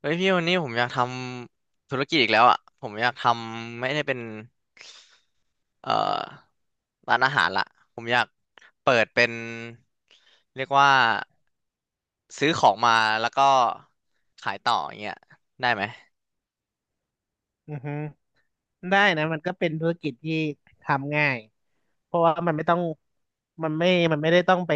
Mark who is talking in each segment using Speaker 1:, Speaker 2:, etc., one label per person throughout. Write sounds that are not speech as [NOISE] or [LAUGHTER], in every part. Speaker 1: เฮ้ยพี่วันนี้ผมอยากทำธุรกิจอีกแล้วอ่ะผมอยากทำไม่ได้เป็นเอ่อร้านอาหารละผมอยากเปิดเป็นเรียกว่าซื้อของมาแล้วก็ขายต่ออย่างเงี้ยได้ไหม
Speaker 2: อือฮึได้นะมันก็เป็นธุรกิจที่ทำง่าย เพราะว่ามันไม่ต้อง มันไม่มันไม่ได้ต้องไป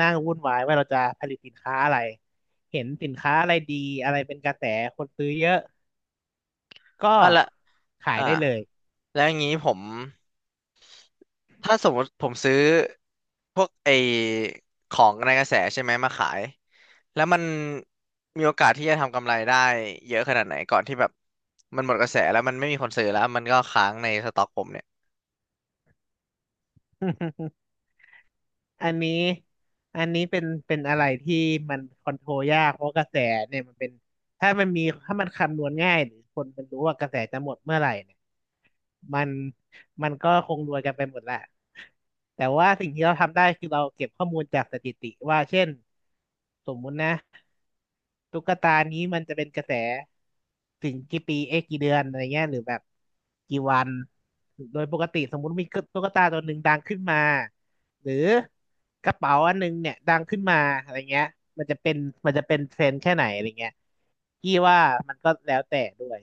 Speaker 2: นั่งวุ่นวายว่าเราจะผลิตสินค้าอะไร เห็นสินค้าอะไรดีอะไรเป็นกระแสคนซื้อเยอะ ก็
Speaker 1: อ่ะละ
Speaker 2: ขาย
Speaker 1: อ่า
Speaker 2: ได้เลย
Speaker 1: แล้วอย่างนี้ผมถ้าสมมติผมซื้อพวกไอของในกระแสใช่ไหมมาขาย แล้วมันมีโอกาสที่จะทำกำไรได้เยอะขนาดไหนก่อนที่แบบมันหมดกระแสแล้วมันไม่มีคนซื้อแล้วมันก็ค้างในสต็อกผมเนี่ย
Speaker 2: [LAUGHS] อันนี้อันนี้เป็นอะไรที่มันคอนโทรลยากเพราะกระแสเนี่ยมันเป็นถ้ามันคำนวณง่ายหรือคนมันรู้ว่ากระแสจะหมดเมื่อไหร่เนี่ยมันมันก็คงรวยกันไปหมดแหละแต่ว่าสิ่งที่เราทำได้คือเราเก็บข้อมูลจากสถิติว่าเช่นสมมุตินะตุ๊กตานี้มันจะเป็นกระแสถึงกี่ปีเอ๊ะกี่เดือนอะไรเงี้ยหรือแบบกี่วันโดยปกติสมมุติมีตุ๊กตาตัวหนึ่งดังขึ้นมา หรือกระเป๋าอันหนึงเนี่ยดังขึ้นมาอะไรเงี้ยมันจะเป็นมันจะเป็นเทรนด์แค่ไหนอะไรเงี้ยพี่ว่ามันก็แล้วแต่ด้วย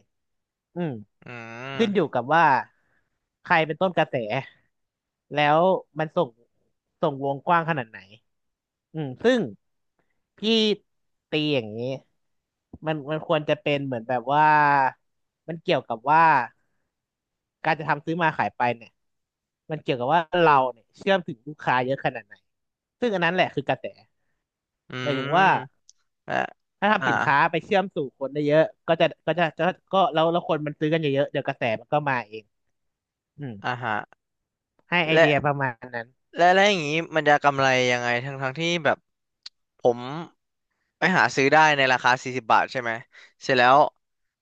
Speaker 2: อืม
Speaker 1: อื
Speaker 2: ขึ้นอยู่
Speaker 1: ม
Speaker 2: กับว่าใครเป็นต้นกระแสแล้วมันส่งวงกว้างขนาดไหน อืมซึ่งพี่ตีอย่างนี้มันควรจะเป็นเหมือนแบบว่ามันเกี่ยวกับว่าการจะทำซื้อมาขายไปเนี่ยมันเกี่ยวกับว่าเราเนี่ยเชื่อมถึงลูกค้าเยอะขนาดไหนซึ่งอันนั้นแหละคือกระแส
Speaker 1: อื
Speaker 2: หมายถึง
Speaker 1: ม
Speaker 2: ว่า
Speaker 1: อ่ะ
Speaker 2: ถ้า
Speaker 1: อ่า
Speaker 2: ทำสินค้าไปเชื่อมสู่คนได้เยอะก็จะก็แล้วคนมันซื้อกันเยอะๆเดี๋ยวกระแสมันก็มาเองอืม
Speaker 1: อ่าฮะ
Speaker 2: ให้ไอ
Speaker 1: และ
Speaker 2: เดียประมาณนั้น
Speaker 1: และอย่างนี้มันจะกำไรยังไงทั้งที่แบบผมไปหาซื้อได้ในราคา40 บาทใช่ไหมเสร็จแล้ว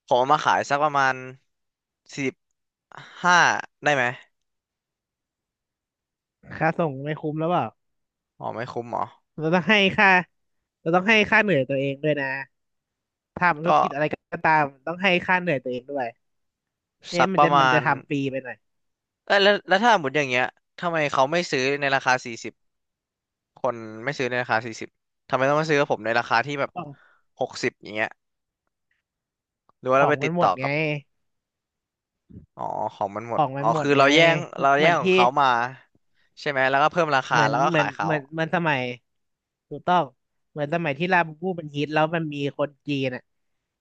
Speaker 1: ผมเอามาขายสักประมาณ45ได้ไหม
Speaker 2: ค่าส่งไม่คุ้มแล้วเปล่า
Speaker 1: อ๋อไม่คุ้มเหรอ
Speaker 2: เราต้องให้ค่าเราต้องให้ค่าเหนื่อยตัวเองด้วยนะ ทำธุร
Speaker 1: ก็
Speaker 2: กิจอะไรก็ตามต้องให้ค่าเหนื่อยตัวเองด้วยไม่
Speaker 1: สั
Speaker 2: งั้น
Speaker 1: ก
Speaker 2: มั
Speaker 1: ป
Speaker 2: น
Speaker 1: ระ
Speaker 2: จะมัน
Speaker 1: มา
Speaker 2: จะ
Speaker 1: ณ
Speaker 2: ทำฟรีไปหน่อย
Speaker 1: เออแล้วแล้วถ้าหมดอย่างเงี้ยทำไมเขาไม่ซื้อในราคาสี่สิบคนไม่ซื้อในราคาสี่สิบทำไมต้องมาซื้อกับผมในราคาที่แบบ
Speaker 2: ของ
Speaker 1: 60อย่างเงี้ยหรือว่า
Speaker 2: ข
Speaker 1: เรา
Speaker 2: อง
Speaker 1: ไป
Speaker 2: มั
Speaker 1: ติ
Speaker 2: น
Speaker 1: ด
Speaker 2: หม
Speaker 1: ต่อ
Speaker 2: ดไง
Speaker 1: กับอ๋อของมันห
Speaker 2: ข
Speaker 1: มด
Speaker 2: องมั
Speaker 1: อ๋อ
Speaker 2: นหมด
Speaker 1: คือ
Speaker 2: ไง
Speaker 1: เราแย่งเรา
Speaker 2: เห
Speaker 1: แย่
Speaker 2: มือ
Speaker 1: ง
Speaker 2: น
Speaker 1: ของ
Speaker 2: ที่
Speaker 1: เขามาใช่ไหมแล้วก็เพิ่มราคา
Speaker 2: เหมือน
Speaker 1: แล้วก็
Speaker 2: เหมือ
Speaker 1: ขา
Speaker 2: น
Speaker 1: ยเขา
Speaker 2: เหมือนเหมือนสมัยถูกต้องเหมือนสมัยที่ลาบูบูมันฮิตแล้วมันมีคนจีนอ่ะ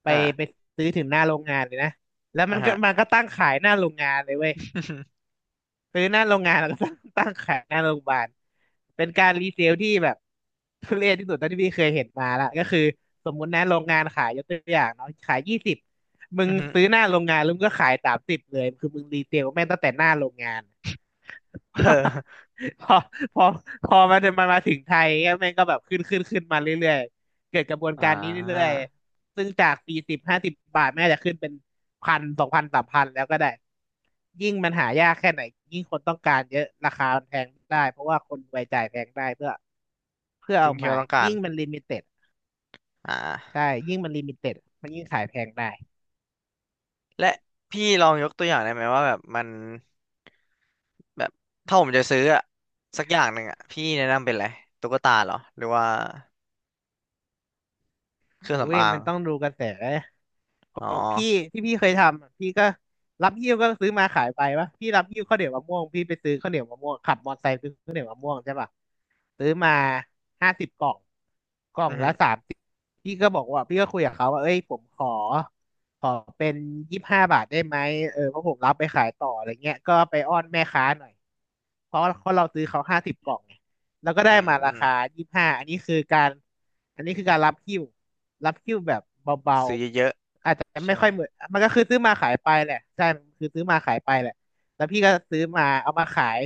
Speaker 2: ไปไป
Speaker 1: อ่า
Speaker 2: ซื้อถึงหน้าโรงงานเลยนะแล้ว
Speaker 1: อ่า
Speaker 2: มันก็
Speaker 1: ฮะ
Speaker 2: มันก็ตั้งขายหน้าโรงงานเลยเว้ย
Speaker 1: [LAUGHS]
Speaker 2: ซื้อหน้าโรงงานแล้วก็ [LAUGHS] ตั้งขายหน้าโรงพยาบาลเป็นการรีเซลที่แบบ [LAUGHS] ทุเรศที่สุดเท่าที่พี่เคยเห็นมาละก็คือสมมุตินะโรงงานขายยกตัวอย่างเนาะขายยี่สิบมึ
Speaker 1: อื
Speaker 2: ง
Speaker 1: อฮึ
Speaker 2: ซื้อหน้าโรงงานแล้วมึงก็ขายสามสิบเลยคือมึงรีเซลแม่งตั้งแต่หน้าโรงงาน
Speaker 1: [LAUGHS] เออ
Speaker 2: พอพอพอมันมาถึงไทยก็แม่งก็แบบขึ้นมาเรื่อยๆเกิดกระบวน
Speaker 1: อ่
Speaker 2: การนี้เรื่อ
Speaker 1: า
Speaker 2: ยๆซึ่งจาก40-50 บาทแม่งอาจจะขึ้นเป็น1,000 2,000 3,000แล้วก็ได้ยิ่งมันหายากแค่ไหนยิ่งคนต้องการเยอะราคามันแพงได้เพราะว่าคนรวยจ่ายแพงได้เพื่อ
Speaker 1: สิ่
Speaker 2: เอา
Speaker 1: งที่
Speaker 2: มา
Speaker 1: เราต้องการ
Speaker 2: ยิ่งมันลิมิเต็ด
Speaker 1: อ่
Speaker 2: ใช่
Speaker 1: า
Speaker 2: ยิ่งมันลิมิเต็ดมันยิ่งขายแพงได้
Speaker 1: และพี่ลองยกตัวอย่างได้ไหมว่าแบบมันแบบถ้าผมจะซื้ออะสักอย่างหนึ่งอะพี่แนะนำเป็นอะไรตุ๊กตาเหรอหรือว่า เครื่อง
Speaker 2: อุ้
Speaker 1: สำ
Speaker 2: ย
Speaker 1: อาง
Speaker 2: มันต้องดูกระแส ขอ
Speaker 1: อ๋อ
Speaker 2: งพี่ที่พี่เคยทำอะพี่ก็รับหิ้วก็ซื้อมาขายไปวะพี่รับหิ้วข้าวเหนียวมะม่วงพี่ไปซื้อข้าวเหนียวมะม่วงขับมอเตอร์ไซค์ซื้อข้าวเหนียวมะม่วงใช่ปะซื้อมาห้าสิบกล่องกล่อ
Speaker 1: อื
Speaker 2: งละ
Speaker 1: ม
Speaker 2: สามสิบพี่ก็บอกว่าพี่ก็คุยกับเขาว่าเอ้ยผมขอเป็น25 บาทได้ไหมเออเพราะผมรับไปขายต่ออะไรเงี้ยก็ไปอ้อนแม่ค้าหน่อยเพราะเราซื้อเขาห้าสิบกล่องไงแล้วก็
Speaker 1: อื
Speaker 2: ได้
Speaker 1: ม
Speaker 2: มา
Speaker 1: อื
Speaker 2: รา
Speaker 1: ม
Speaker 2: คายี่สิบห้าอันนี้คือการรับหิ้วรับหิ้วแบบเบา
Speaker 1: ซื้อเยอะ
Speaker 2: แต่
Speaker 1: ๆใช่
Speaker 2: ไม่
Speaker 1: ไหม
Speaker 2: ค่อยเหมือนมันก็คือซื้อมาขายไปแหละใช่มันคือซื้อมาขายไปแหละแล้วพี่ก็ซื้อมาเอามาขาย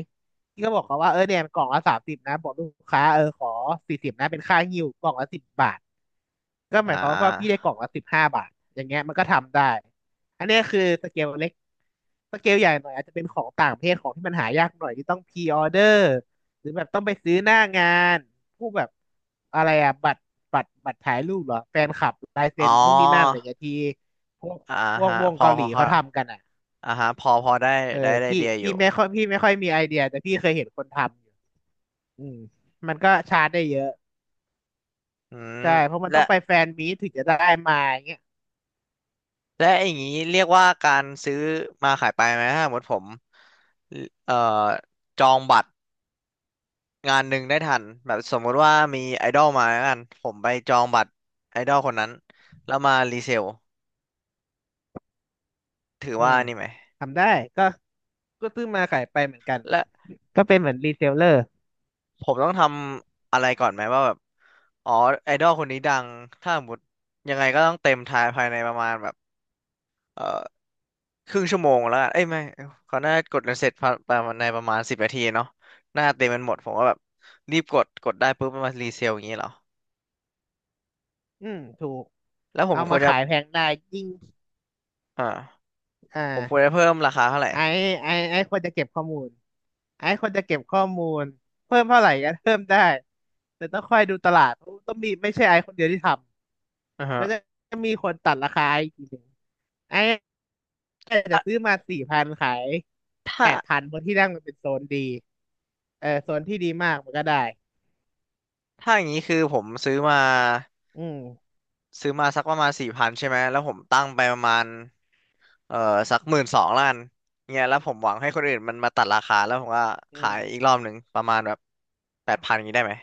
Speaker 2: พี่ก็บอกเขาว่าเออเนี่ยมันกล่องละสามสิบนะบอกลูกค้าเออขอสี่สิบนะเป็นค่าหิ้วกล่องละ 10 บาทก็ห
Speaker 1: อ่
Speaker 2: มายความว่าพี่ได้
Speaker 1: า
Speaker 2: กล่องละ 15 บาทอย่างเงี้ยมันก็ทำได้อันเนี้ยคือสเกลเล็ก สเกลใหญ่หน่อยอาจจะเป็นของต่างประเทศของที่มันหายากหน่อยที่ต้องพรีออเดอร์หรือแบบต้องไปซื้อหน้างานพวกแบบอะไรอะบัตรบัตรถ่ายรูปเหรอแฟนคลับลาย
Speaker 1: อ๋
Speaker 2: เซ็
Speaker 1: อ
Speaker 2: นนู่นนี่นั่นอะไรเงี้ยที่พวก
Speaker 1: อ่า
Speaker 2: พวก
Speaker 1: ฮะ
Speaker 2: วง
Speaker 1: พอ
Speaker 2: เกาห
Speaker 1: พ
Speaker 2: ลี
Speaker 1: อเข้า
Speaker 2: เขาทำกันอ่ะ
Speaker 1: อ่าฮะพอพอได้
Speaker 2: เออ
Speaker 1: ได้ไอ
Speaker 2: พี่
Speaker 1: เดียอ
Speaker 2: พี่
Speaker 1: ยู่
Speaker 2: ไม่ค่อยพี่ไม่ค่อยมีไอเดียแต่พี่เคยเห็นคนทำอยู่อืมมันก็ชาร์จได้เยอะ
Speaker 1: อืม
Speaker 2: ใช่เพราะมัน
Speaker 1: และ
Speaker 2: ต้องไปแฟนมีตถึงจะได้มาอย่างเงี้ย
Speaker 1: และอย่างนี้เรียกว่าการซื้อมาขายไปไหมถ้าสมมติผมเอ่อจองบัตรงานหนึ่งได้ทันแบบสมมุติว่ามีไอดอลมาแล้วกันผมไปจองบัตรไอดอลคนนั้น แล้วมารีเซล ถือ
Speaker 2: อื
Speaker 1: ว่า
Speaker 2: ม
Speaker 1: นี่ไหม
Speaker 2: ทำได้ก็ก็ซื้อมาขายไปเหมือนกัน
Speaker 1: และ
Speaker 2: ก็เป็นเหมือนรีเซลเลอร์
Speaker 1: ผมต้องทำอะไรก่อนไหมว่าแบบอ๋อไอดอลคนนี้ดังถ้าสมมติยังไงก็ต้องเต็มทายภายในประมาณแบบเอ่อครึ่งชั่วโมงแล้วกันเอ้ยไม่เขาน่าจะกดกันเสร็จภายประมาณในประมาณ10 นาทีเนาะหน้าจะเต็มกันหมดผมก็แบบรีบกดกดได้ปุ๊บมันมารีเซลอย่างนี้เหรอ
Speaker 2: อืมถูก
Speaker 1: แล้วผม
Speaker 2: เอา
Speaker 1: ค
Speaker 2: มา
Speaker 1: วรจะ
Speaker 2: ขายแพงได้ยิ่ง
Speaker 1: อ่า
Speaker 2: อ่า
Speaker 1: ผมควรจะเพิ่มราคาเท่าไหร่
Speaker 2: ไอ้ไอ้ควรจะเก็บข้อมูลไอ้ควรจะเก็บข้อมูลเพิ่มเท่าไหร่ก็เพิ่มได้แต่ต้องคอยดูตลาดเพราะต้องมีไม่ใช่ไอ้คนเดียวที่ท
Speaker 1: อือ
Speaker 2: ำแล้
Speaker 1: ฮะ
Speaker 2: วจะมีคนตัดราคาอีกทีหนึ่งไอ้อาจจะ
Speaker 1: อ่ะ
Speaker 2: ซื้อมา4,000ขาย
Speaker 1: ถ้า
Speaker 2: แปดพันเพราะที่นั่งมันเป็นโซนดีเออโซนที่ดีมากมันก็ได้
Speaker 1: ถ้าอย่างนี้คือผมซื้อมา
Speaker 2: อืม
Speaker 1: ซื้อมาสักประมาณสี่พันใช่ไหมแล้วผมตั้งไปประมาณเอ่อสัก10,002,000,000เนี่ยแล้วผมหวังให้คนอื่นมันมาตัดราคาแล้วผมก็
Speaker 2: อื
Speaker 1: ขา
Speaker 2: ม
Speaker 1: ยอีกรอบหนึ่งประมาณแบบแปดพันอย่างนี้ได้ไหม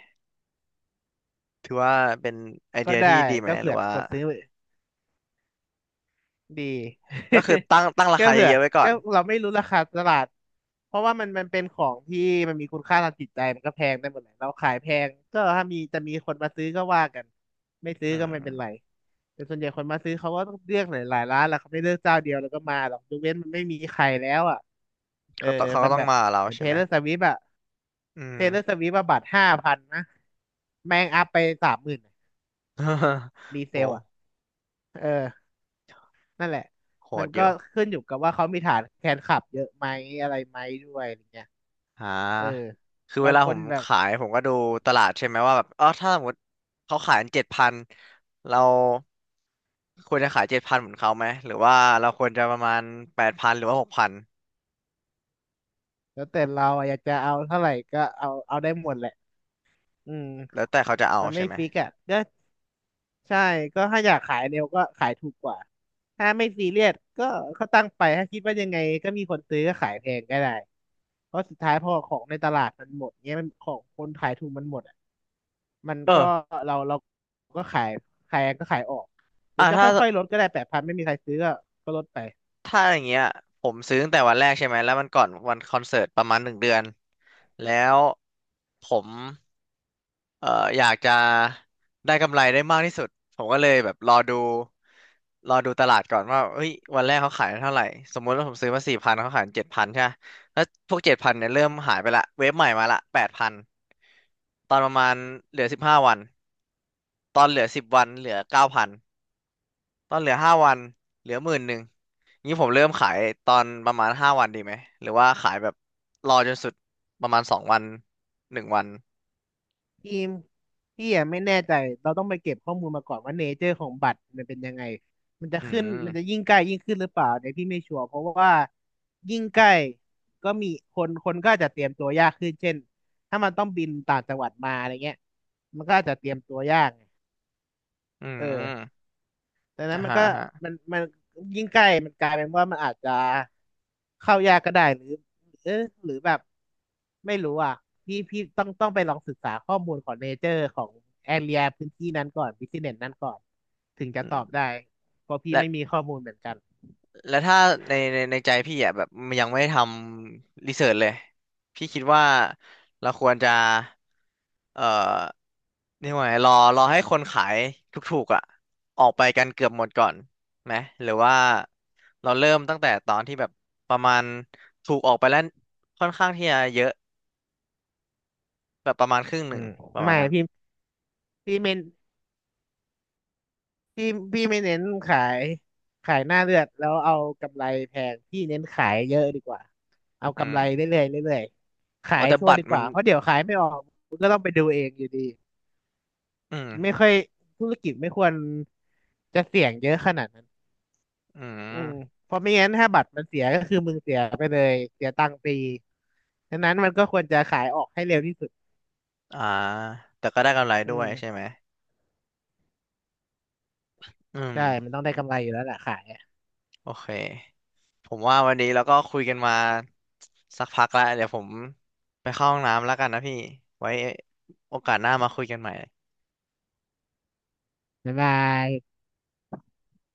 Speaker 1: ถือว่าเป็นไอ
Speaker 2: ก็
Speaker 1: เดียที่
Speaker 2: ได้
Speaker 1: ดีไหม
Speaker 2: ก็
Speaker 1: ห
Speaker 2: เผื่
Speaker 1: รื
Speaker 2: อ
Speaker 1: อ
Speaker 2: มี
Speaker 1: ว่า
Speaker 2: คนซื้อ ดี
Speaker 1: ก็คือตั้ง
Speaker 2: [LAUGHS]
Speaker 1: รา
Speaker 2: ก็
Speaker 1: คาเย
Speaker 2: เผื่อ
Speaker 1: อะๆไว้ก่อ
Speaker 2: ก็
Speaker 1: น
Speaker 2: เราไม่รู้ราคาตลาดเพราะว่ามันเป็นของที่มันมีคุณค่าทางจิตใจมันก็แพงได้หมดแหละเราขายแพงก็ถ้ามีจะมีคนมาซื้อก็ว่ากัน ไม่ซื้อ
Speaker 1: อื
Speaker 2: ก็ไม่
Speaker 1: ม
Speaker 2: เป็นไรแต่ส่วนใหญ่คนมาซื้อเขาก็ต้องเลือกหลายหลายร้านแหละเขาไม่เลือกเจ้าเดียวแล้วก็มาหรอกยกเว้นมันไม่มีใครแล้วอ่ะเออ
Speaker 1: เขาต้องเขา
Speaker 2: มั
Speaker 1: ก็
Speaker 2: น
Speaker 1: ต้อ
Speaker 2: แบ
Speaker 1: ง
Speaker 2: บ
Speaker 1: มากับเรา
Speaker 2: เหมือน
Speaker 1: ใช่ไหมอื
Speaker 2: เท
Speaker 1: ม
Speaker 2: เลอร์สวิฟอะบัตร5,000นะแม่งอัพไป30,000
Speaker 1: [LAUGHS]
Speaker 2: รีเซลอะ
Speaker 1: โห
Speaker 2: เออ นั่นแหละ
Speaker 1: โห
Speaker 2: มัน
Speaker 1: ดอ
Speaker 2: ก็
Speaker 1: ยู่
Speaker 2: ขึ้นอยู่กับว่าเขามีฐานแฟนคลับเยอะไหมอะไรไหมด้วยอะไรเงี้ย
Speaker 1: อ่
Speaker 2: เออ
Speaker 1: าคือ
Speaker 2: บา
Speaker 1: เว
Speaker 2: ง
Speaker 1: ลา
Speaker 2: ค
Speaker 1: ผ
Speaker 2: น
Speaker 1: ม
Speaker 2: แบบ
Speaker 1: ขายผมก็ดูตลาดใช่ไหมว่าแบบอ๋อถ้าสมมติเขาขายเจ็ดพัน7,000เราควรจะขายเจ็ดพันเหมือนเขาไหมหรือว่าเราควรจะประมาณแปดพันหรือว่า6,000
Speaker 2: แล้วแต่เราอะอยากจะเอาเท่าไหร่ก็เอาเอาได้หมดแหละอืม
Speaker 1: แล้วแต่เขาจะเอา
Speaker 2: มันไม่
Speaker 1: ใช่ไหม
Speaker 2: ฟิกอ่ะก็ใช่ก็ถ้าอยากขายเร็วก็ขายถูกกว่า ถ้าไม่ซีเรียสก็เขาตั้งไป ถ้าคิดว่ายังไงก็มีคนซื้อก็ขายแพงก็ได้เพราะสุดท้ายพอของในตลาดมันหมดเงี้ยมันของคนขายถูกมันหมดอะ มัน
Speaker 1: เอ
Speaker 2: ก็
Speaker 1: อ
Speaker 2: เราก็ขายขายก็ขายออกหรือ
Speaker 1: อ่า
Speaker 2: จะ
Speaker 1: ถ้า
Speaker 2: ค่อยๆลดก็ได้แปดพันไม่มีใครซื้อก็ก็ลดไป
Speaker 1: ถ้าอย่างเงี้ยผมซื้อตั้งแต่วันแรกใช่ไหมแล้วมันก่อนวันคอนเสิร์ตประมาณ1 เดือนแล้วผมเอ่ออยากจะได้กำไรได้มากที่สุดผมก็เลยแบบรอดูตลาดก่อนว่าเฮ้ยวันแรกเขาขายเท่าไหร่สมมุติว่าผมซื้อมาสี่พันเขาขายเจ็ดพันใช่ปะแล้วพวกเจ็ดพันเนี่ยเริ่มหายไปละเวฟใหม่มาละแปดพันตอนประมาณเหลือ15 วันตอนเหลือ10 วันเหลือ9,000 ตอนเหลือ5 วันเหลือหมื่นหนึ่งงี้ผมเริ่มขายตอนประมาณห้าวันดีไหมหรือว่าขายแบบรอจนสุดประมาณ2 วัน1 วัน
Speaker 2: ทีมพี่อะไม่แน่ใจเราต้องไปเก็บข้อมูลมาก่อนว่าเนเจอร์ของบัตรมันเป็นยังไงมันจะ
Speaker 1: อื
Speaker 2: ขึ้นมันจะ
Speaker 1: ม
Speaker 2: ยิ่งใกล้ยิ่งขึ้นหรือเปล่าเนี่ยพี่ไม่ชัวร์เพราะว่ายิ่งใกล้ก็มีคนก็อาจจะเตรียมตัวยากขึ้นเช่นถ้ามันต้องบินต่างจังหวัดมาอะไรเงี้ยมันก็อาจจะเตรียมตัวยากไง
Speaker 1: อื
Speaker 2: เออ
Speaker 1: ม
Speaker 2: ดังนั้
Speaker 1: อ่า
Speaker 2: นมัน
Speaker 1: ฮะ
Speaker 2: ก็
Speaker 1: อ่าฮะ
Speaker 2: มันยิ่งใกล้มันกลายเป็นว่ามันอาจจะเข้ายากก็ได้หรือเออหรือแบบไม่รู้อ่ะพี่ต้องไปลองศึกษาข้อมูลของเนเจอร์ของแอเรียพื้นที่นั้นก่อนบิสเนสนั้นก่อนถึงจะ
Speaker 1: อื
Speaker 2: ตอบ
Speaker 1: ม
Speaker 2: ได้เพราะพี่ไม่มี
Speaker 1: และ
Speaker 2: ข้อมูลเหมือนกัน
Speaker 1: แล้วถ้าในใจพี่อ่ะแบบมันยังไม่ได้ทำรีเสิร์ชเลยพี่คิดว่าเราควรจะเอ่อเรียกว่าไงรอรอให้คนขายถูกๆอ่ะออกไปกันเกือบหมดก่อนไหมหรือว่าเราเริ่มตั้งแต่ตอนที่แบบประมาณถูกออกไปแล้วค่อนข้างที่จะเยอะแบบประมาณครึ่งห
Speaker 2: อื
Speaker 1: นึ่ง
Speaker 2: ม
Speaker 1: ประมาณ
Speaker 2: ไม่
Speaker 1: นั้น
Speaker 2: พี่พี่ไม่ พี่พี่ไม่เน้นขายขายหน้าเลือดแล้วเอากำไรแพงพี่เน้นขายเยอะดีกว่าเอา
Speaker 1: อื
Speaker 2: กำไร
Speaker 1: ม
Speaker 2: เรื่อยๆเรื่อยๆขา
Speaker 1: โอ้
Speaker 2: ย
Speaker 1: แต่
Speaker 2: ชั่ว
Speaker 1: บัต
Speaker 2: ดี
Speaker 1: ร
Speaker 2: ก
Speaker 1: มัน
Speaker 2: ว่าเพราะเดี๋ยวขายไม่ออกมันก็ต้องไปดูเองอยู่ดี
Speaker 1: อืม
Speaker 2: ไม่ค่อยธุรกิจไม่ควรจะเสี่ยงเยอะขนาดนั้น
Speaker 1: อื
Speaker 2: อืม
Speaker 1: ม
Speaker 2: เพราะไม่งั้นถ้าบัตรมันเสียก็คือมึงเสียไปเลยเสียตังค์ฟรีดังนั้นมันก็ควรจะขายออกให้เร็วที่สุด
Speaker 1: อ่าแต่ก็ได้กำไรด้
Speaker 2: อื
Speaker 1: วย
Speaker 2: ม
Speaker 1: ใช่ไหมอื
Speaker 2: ใช่มั
Speaker 1: ม
Speaker 2: นต้องได้กำไรอยู่แล้วแหละขายอะ
Speaker 1: โอเค ผมว่าวันนี้เราก็คุยกันมาสักพักแล้วเดี๋ยวผมไปเข้าห้องน้ำแล้วกันนะพี่ไว้โอกาสหน้ามาคุยกันใหม่
Speaker 2: บ๊ายบาย